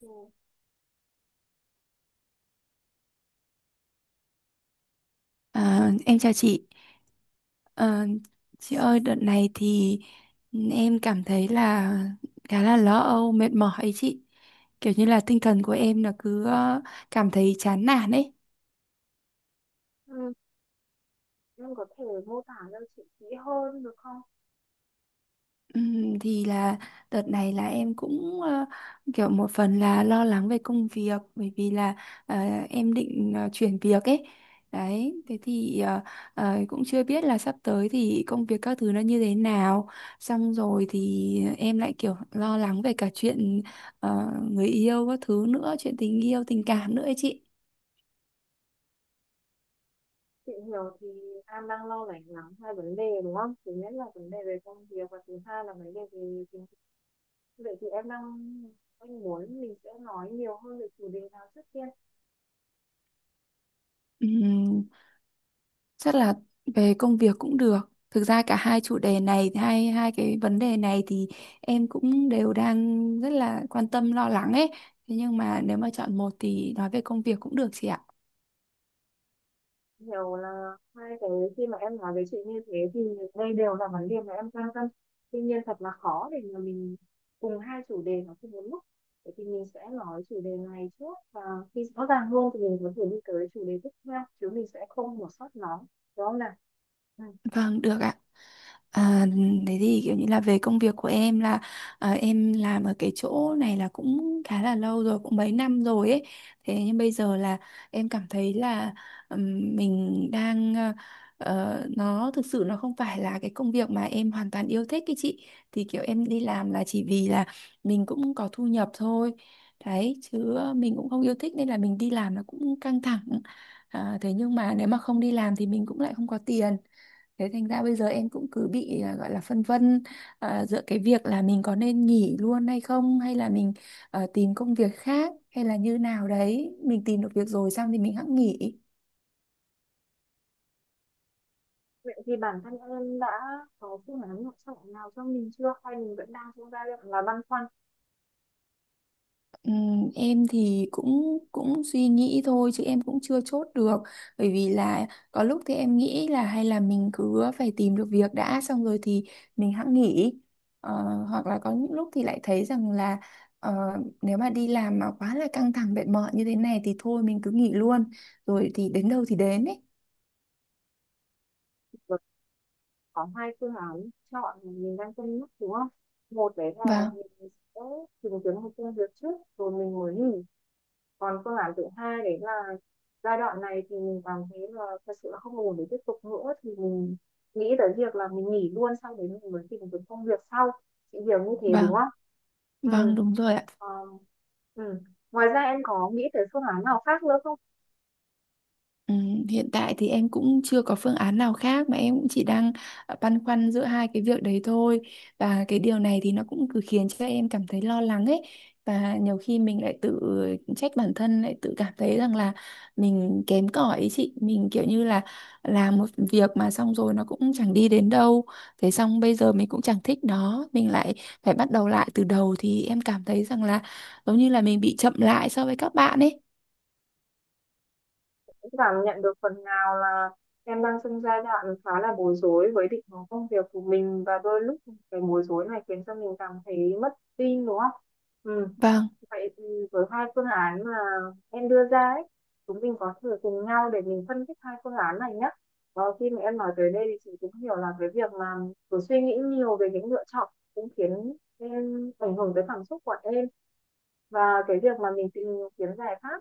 Ừ. À, em chào chị. Ờ, chị ơi, đợt này thì em cảm thấy là khá là lo âu, mệt mỏi ấy chị. Kiểu như là tinh thần của em là cứ cảm thấy chán nản ấy. Ừ. Em có thể mô tả cho chị kỹ hơn được không? Thì là đợt này là em cũng kiểu một phần là lo lắng về công việc bởi vì là ờ, em định chuyển việc ấy. Đấy thế thì cũng chưa biết là sắp tới thì công việc các thứ nó như thế nào, xong rồi thì em lại kiểu lo lắng về cả chuyện người yêu các thứ nữa, chuyện tình yêu tình cảm nữa ấy chị. Chị hiểu thì em đang lo lắng lắm hai vấn đề đúng không? Thứ nhất là vấn đề về công việc và thứ hai là vấn đề về tình. Vậy thì em đang anh muốn mình sẽ nói nhiều hơn về chủ đề nào trước tiên. Ừm, chắc là về công việc cũng được. Thực ra cả hai chủ đề này, hai hai cái vấn đề này thì em cũng đều đang rất là quan tâm lo lắng ấy. Thế nhưng mà nếu mà chọn một thì nói về công việc cũng được chị ạ. Hiểu là hai cái, khi mà em nói về chuyện như thế thì đây đều là vấn đề mà em quan tâm. Tuy nhiên thật là khó để mà mình cùng hai chủ đề nó cùng một lúc, vậy thì mình sẽ nói chủ đề này trước và khi rõ ràng hơn thì mình có thể đi tới chủ đề tiếp theo, chứ mình sẽ không bỏ sót nó, đúng không nào? Ừ. Vâng, được ạ. À, thế thì kiểu như là về công việc của em là, à, em làm ở cái chỗ này là cũng khá là lâu rồi, cũng mấy năm rồi ấy. Thế nhưng bây giờ là em cảm thấy là, ừm, mình đang nó thực sự nó không phải là cái công việc mà em hoàn toàn yêu thích cái chị. Thì kiểu em đi làm là chỉ vì là mình cũng có thu nhập thôi. Đấy, chứ mình cũng không yêu thích nên là mình đi làm nó cũng căng thẳng. À, thế nhưng mà nếu mà không đi làm thì mình cũng lại không có tiền, thế thành ra bây giờ em cũng cứ bị à, gọi là phân vân, à, giữa cái việc là mình có nên nghỉ luôn hay không, hay là mình tìm công việc khác, hay là như nào đấy mình tìm được việc rồi xong thì mình hẵng nghỉ. Vậy thì bản thân em đã có phương án lựa chọn nào cho mình chưa hay mình vẫn đang trong giai đoạn là băn khoăn? Em thì cũng cũng suy nghĩ thôi chứ em cũng chưa chốt được, bởi vì là có lúc thì em nghĩ là hay là mình cứ phải tìm được việc đã xong rồi thì mình hẵng nghỉ. Ờ, hoặc là có những lúc thì lại thấy rằng là, ờ, nếu mà đi làm mà quá là căng thẳng mệt mỏi như thế này thì thôi mình cứ nghỉ luôn, rồi thì đến đâu thì đến ấy. Có hai phương án chọn mà mình đang cân nhắc đúng không, một đấy là Vâng. mình sẽ tìm kiếm một công việc trước rồi mình mới nghỉ, còn phương án thứ hai đấy là giai đoạn này thì mình cảm thấy là thật sự là không ổn để tiếp tục nữa thì mình nghĩ tới việc là mình nghỉ luôn sau đấy mình mới tìm kiếm công việc sau. Chị hiểu như thế đúng Vâng, không? Ừ. vâng đúng rồi ạ. Ờ, ừ. Ngoài ra em có nghĩ tới phương án nào khác nữa không? Ừ, hiện tại thì em cũng chưa có phương án nào khác, mà em cũng chỉ đang băn khoăn giữa hai cái việc đấy thôi, và cái điều này thì nó cũng cứ khiến cho em cảm thấy lo lắng ấy. Và nhiều khi mình lại tự trách bản thân, lại tự cảm thấy rằng là mình kém cỏi ấy chị, mình kiểu như là làm một việc mà xong rồi nó cũng chẳng đi đến đâu, thế xong bây giờ mình cũng chẳng thích nó, mình lại phải bắt đầu lại từ đầu, thì em cảm thấy rằng là giống như là mình bị chậm lại so với các bạn ấy. Cũng cảm nhận được phần nào là em đang trong giai đoạn khá là bối rối với định hướng công việc của mình và đôi lúc cái bối rối này khiến cho mình cảm thấy mất tin đúng không? Ừ. Vâng Vậy thì với hai phương án mà em đưa ra ấy, chúng mình có thể cùng nhau để mình phân tích hai phương án này nhé. Khi mà em nói tới đây thì chị cũng hiểu là cái việc mà cứ suy nghĩ nhiều về những lựa chọn cũng khiến em ảnh hưởng tới cảm xúc của em. Và cái việc mà mình tìm kiếm giải pháp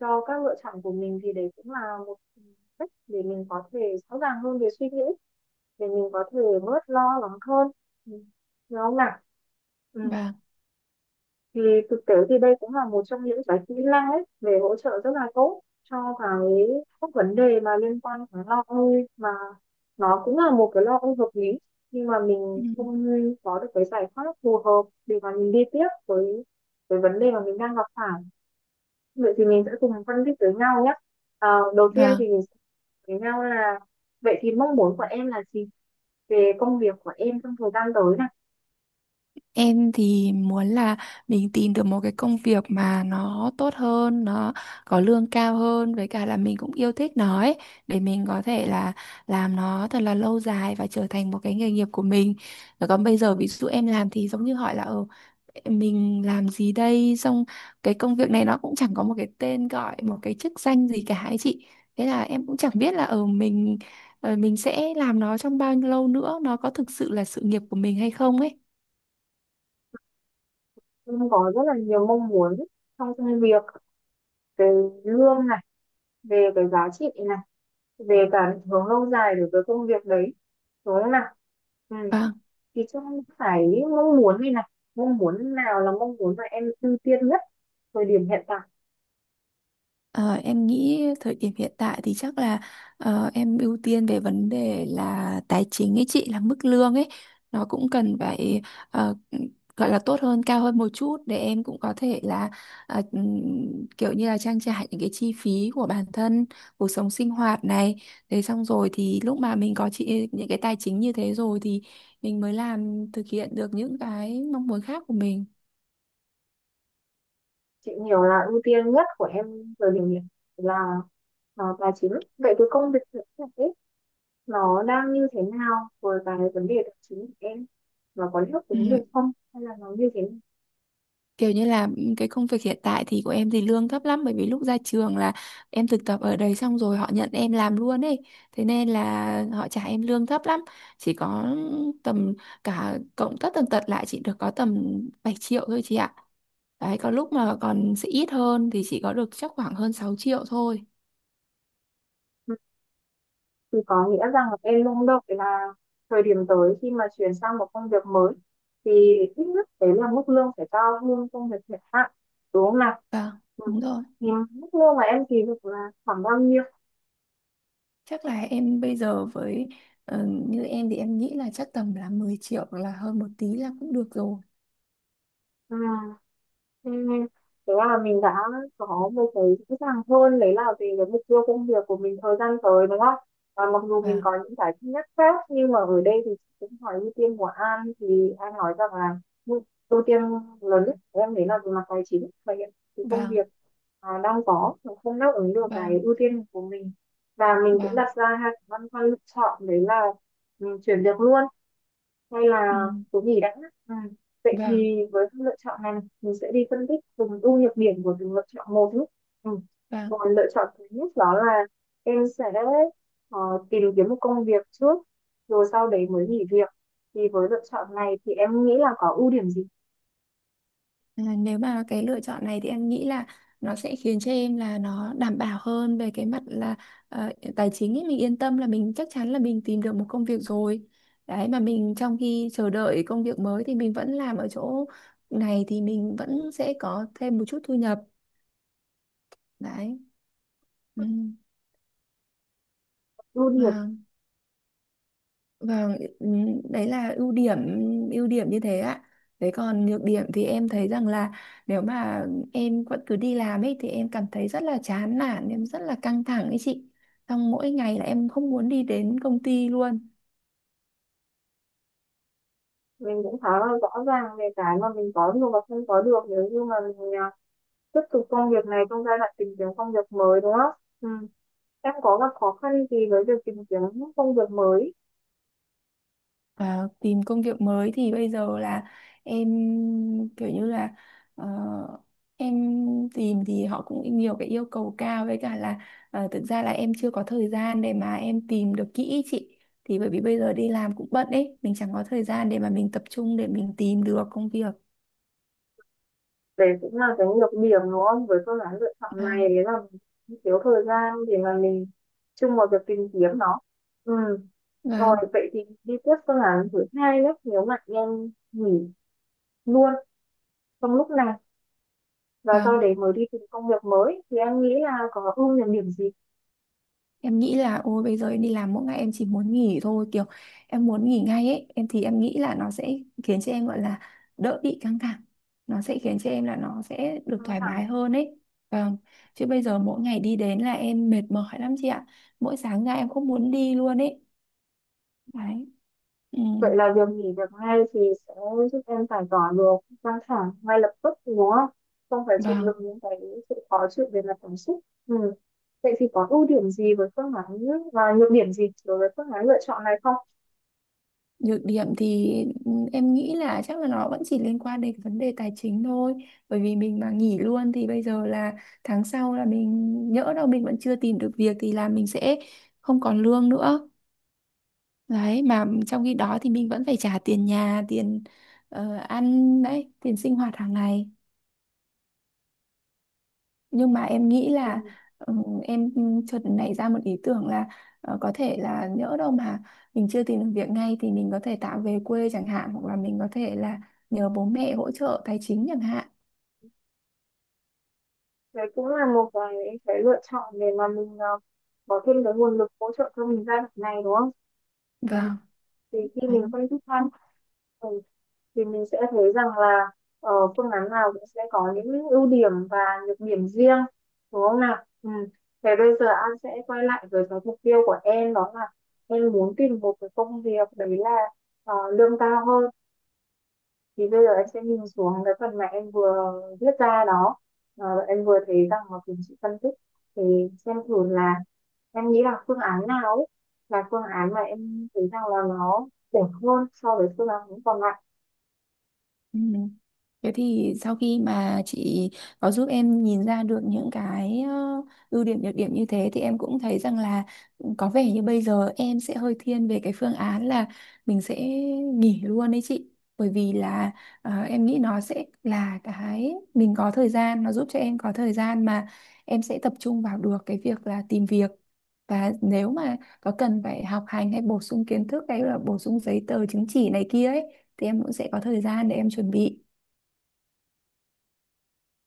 cho các lựa chọn của mình thì đấy cũng là một cách để mình có thể rõ ràng hơn về suy nghĩ, để mình có thể bớt lo lắng hơn. Ừ. Đúng không nào? Ừ, vâng. thì thực tế thì đây cũng là một trong những cái kỹ năng ấy về hỗ trợ rất là tốt cho cái các vấn đề mà liên quan đến lo âu, mà nó cũng là một cái lo âu hợp lý, nhưng mà Ừ. mình không có được cái giải pháp phù hợp để mà mình đi tiếp với vấn đề mà mình đang gặp phải. Vậy thì mình sẽ cùng phân tích với nhau nhé. À, đầu tiên Vâng. thì mình sẽ với nhau là vậy thì mong muốn của em là gì về công việc của em trong thời gian tới này? Em thì muốn là mình tìm được một cái công việc mà nó tốt hơn, nó có lương cao hơn, với cả là mình cũng yêu thích nó ấy, để mình có thể là làm nó thật là lâu dài và trở thành một cái nghề nghiệp của mình. Rồi. Còn bây giờ ví dụ em làm thì giống như hỏi là mình làm gì đây, xong cái công việc này nó cũng chẳng có một cái tên gọi, một cái chức danh gì cả ấy chị. Thế là em cũng chẳng biết là ờ mình mình sẽ làm nó trong bao nhiêu lâu nữa, nó có thực sự là sự nghiệp của mình hay không ấy. Em có rất là nhiều mong muốn trong công việc, về lương, về cái giá trị này, về cả định hướng lâu dài đối với công việc đấy, đúng không nào? Ừ. Vâng. Thì trong phải mong muốn này này, mong muốn nào là mong muốn mà em ưu tiên nhất thời điểm hiện tại? Ờ, em nghĩ thời điểm hiện tại thì chắc là em ưu tiên về vấn đề là tài chính ấy chị, là mức lương ấy nó cũng cần phải ờ, gọi là tốt hơn, cao hơn một chút để em cũng có thể là, kiểu như là trang trải những cái chi phí của bản thân, cuộc sống sinh hoạt này, thế xong rồi thì lúc mà mình có chị những cái tài chính như thế rồi thì mình mới làm thực hiện được những cái mong muốn khác của mình. Chị hiểu là ưu tiên nhất của em thời điểm hiện là tài chính. Vậy cái công việc hiện tại ấy, nó đang như thế nào với cái vấn đề tài chính của em, nó có đáp Ừ, ứng được không hay là nó như thế nào? kiểu như là, cái công việc hiện tại thì của em thì lương thấp lắm, bởi vì lúc ra trường là em thực tập ở đấy xong rồi họ nhận em làm luôn ấy, thế nên là họ trả em lương thấp lắm, chỉ có tầm, cả cộng tất tần tật lại chỉ được có tầm 7 triệu thôi chị ạ. Đấy có lúc mà còn sẽ ít hơn thì chỉ có được chắc khoảng hơn 6 triệu thôi. Thì có nghĩa rằng là em mong đợi là thời điểm tới khi mà chuyển sang một công việc mới thì ít nhất đấy là mức lương phải cao hơn công việc hiện tại, đúng không nào? Vâng, Ừ. đúng rồi. Thì mức lương mà em kỳ vọng là khoảng bao nhiêu? Chắc là em bây giờ với, như em thì em nghĩ là chắc tầm là 10 triệu hoặc là hơn một tí là cũng được rồi. Ừ. Ừ. Thế là mình đã có một cái rõ ràng hơn đấy là về cái mục tiêu công việc của mình thời gian tới đúng không? Và mặc dù mình Vâng. có những cái thứ nhất khác nhưng mà ở đây thì chị cũng hỏi ưu tiên của An thì An nói rằng là ưu ưu tiên lớn nhất của em đấy là về mặt tài chính và hiện thì công Vâng. việc đang có nó không đáp ứng được cái Vâng. ưu tiên của mình. Và mình cũng Vâng. đặt ra hai cái băn khoăn lựa chọn đấy là chuyển việc luôn hay Ừ, là số nghỉ đã. Ừ. Vậy vâng. thì với các lựa chọn này mình sẽ đi phân tích từng ưu nhược điểm của từng lựa chọn một nhé. Ừ. Vâng. Còn lựa chọn thứ nhất đó là em sẽ ờ, tìm kiếm một công việc trước rồi sau đấy mới nghỉ việc, thì với lựa chọn này thì em nghĩ là có ưu điểm gì? À, nếu mà cái lựa chọn này thì em nghĩ là nó sẽ khiến cho em là nó đảm bảo hơn về cái mặt là ờ, tài chính ấy, mình yên tâm là mình chắc chắn là mình tìm được một công việc rồi. Đấy, mà mình trong khi chờ đợi công việc mới thì mình vẫn làm ở chỗ này, thì mình vẫn sẽ có thêm một chút thu nhập. Đấy. ừ, Ưu điểm vâng. Vâng, đấy là ưu điểm, ưu điểm như thế ạ. Đấy còn nhược điểm thì em thấy rằng là nếu mà em vẫn cứ đi làm ấy thì em cảm thấy rất là chán nản, em rất là căng thẳng ấy chị. Xong mỗi ngày là em không muốn đi đến công ty luôn. mình cũng khá là rõ ràng về cái mà mình có được và không có được nếu như mà mình tiếp tục công việc này trong giai đoạn tìm kiếm công việc mới đúng không? Ừ. Em có gặp khó khăn gì với việc tìm kiếm công việc mới? À, tìm công việc mới thì bây giờ là em kiểu như là, ờ, em tìm thì họ cũng nhiều cái yêu cầu cao, với cả là thực ra là em chưa có thời gian để mà em tìm được kỹ ý chị, thì bởi vì bây giờ đi làm cũng bận ấy, mình chẳng có thời gian để mà mình tập trung để mình tìm được công việc. Đấy cũng là cái nhược điểm đúng không, với phương án lựa chọn Vâng. này đấy là mình thiếu thời gian để mà mình chung vào việc tìm kiếm nó. Ừ. Rồi Vâng. vậy thì đi tiếp phương án thứ hai nhé, nếu mà em nghỉ luôn trong lúc này và sau Vâng. đấy mới đi tìm công việc mới thì em nghĩ là có ưu nhược điểm gì? Em nghĩ là ôi bây giờ em đi làm mỗi ngày em chỉ muốn nghỉ thôi, kiểu em muốn nghỉ ngay ấy, em thì em nghĩ là nó sẽ khiến cho em gọi là đỡ bị căng thẳng, nó sẽ khiến cho em là nó sẽ được Căng thoải thẳng. mái hơn ấy. Vâng. Chứ bây giờ mỗi ngày đi đến là em mệt mỏi lắm chị ạ, mỗi sáng ra em không muốn đi luôn ấy. Đấy. Ừ. Vậy là việc nghỉ việc ngay thì sẽ giúp em giải tỏa được căng thẳng ngay lập tức đúng không? Không phải chịu Vâng. đựng những cái sự khó chịu về mặt cảm xúc. Ừ. Vậy thì có ưu điểm gì với phương án và nhược điểm gì đối với phương án lựa chọn này không? Nhược điểm thì, em nghĩ là chắc là nó vẫn chỉ liên quan đến vấn đề tài chính thôi. Bởi vì mình mà nghỉ luôn thì bây giờ là tháng sau là mình, nhỡ đâu mình vẫn chưa tìm được việc thì là mình sẽ không còn lương nữa. Đấy, mà trong khi đó thì mình vẫn phải trả tiền nhà, tiền ăn đấy, tiền sinh hoạt hàng ngày. Nhưng mà em nghĩ Thì là, em chợt nảy ra một ý tưởng là có thể là nhỡ đâu mà mình chưa tìm được việc ngay thì mình có thể tạm về quê chẳng hạn, hoặc là mình có thể là nhờ bố mẹ hỗ trợ tài chính chẳng hạn. đấy cũng là một cái lựa chọn để mà mình có thêm cái nguồn lực hỗ trợ cho mình giai đoạn này đúng không? Ừ. Vâng. Thì khi Đấy. mình phân tích hơn thì mình sẽ thấy rằng là phương án nào cũng sẽ có những ưu điểm và nhược điểm riêng, đúng không nào? Ừ. Thế bây giờ An sẽ quay lại với cái mục tiêu của em đó là em muốn tìm một cái công việc đấy là lương cao hơn, thì bây giờ em sẽ nhìn xuống cái phần mà em vừa viết ra đó. Em vừa thấy rằng mà cùng chị phân tích thì xem thử là em nghĩ là phương án nào ấy là phương án mà em thấy rằng là nó đẹp hơn so với phương án còn lại. Ừ. Thế thì sau khi mà chị có giúp em nhìn ra được những cái ưu điểm nhược điểm như thế thì em cũng thấy rằng là có vẻ như bây giờ em sẽ hơi thiên về cái phương án là mình sẽ nghỉ luôn đấy chị. Bởi vì là em nghĩ nó sẽ là cái mình có thời gian, nó giúp cho em có thời gian mà em sẽ tập trung vào được cái việc là tìm việc. Và nếu mà có cần phải học hành hay bổ sung kiến thức hay là bổ sung giấy tờ chứng chỉ này kia ấy thì em cũng sẽ có thời gian để em chuẩn bị.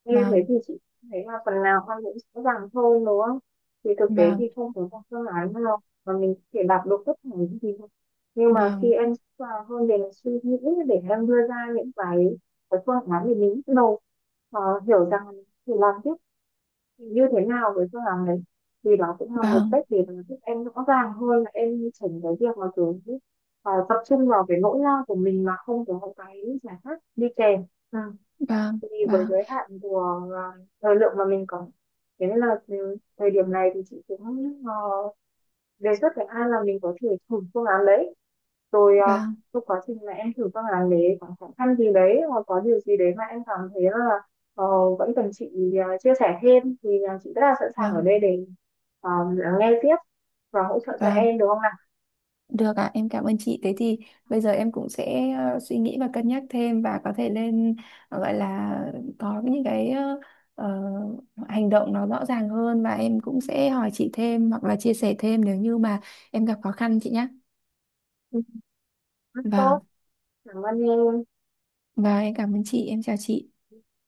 Như thế Vâng. thì chị thấy là phần nào con cũng rõ ràng hơn đúng không? Thì thực tế thì Vâng. không có một phương án nào mà mình có thể đạt được tất cả những gì không? Nhưng mà khi Vâng. em sẵn sàng hơn để suy nghĩ, để em đưa ra những cái phương án để mình bắt đầu ờ, hiểu rằng thì làm tiếp thì như thế nào với phương án đấy, thì đó cũng là một Vâng. cách để mà giúp em rõ ràng hơn là em chỉnh cái việc mà kiểu tập trung vào cái nỗi lo của mình mà không có cái giải pháp đi kèm. Ừ. Vâng. Thì với Vâng. giới hạn của thời lượng mà mình có, thế nên là từ thời điểm này thì chị cũng đề xuất với An là mình có thể thử phương án đấy rồi, Vâng. trong quá trình mà em thử phương án đấy có khó khăn gì đấy hoặc có điều gì đấy mà em cảm thấy là ờ, vẫn cần chị chia sẻ thêm thì chị rất là sẵn sàng ở Vâng. đây để ờ, lắng nghe tiếp và hỗ trợ cho Vâng, em được không nào? được ạ, em cảm ơn chị. Thế thì bây giờ em cũng sẽ suy nghĩ và cân nhắc thêm, và có thể lên, gọi là có những cái ờ, hành động nó rõ ràng hơn, và em cũng sẽ hỏi chị thêm hoặc là chia sẻ thêm nếu như mà em gặp khó khăn chị nhé. Ừ, rất tốt, Vâng. cảm ơn em. Và em cảm ơn chị, em chào chị.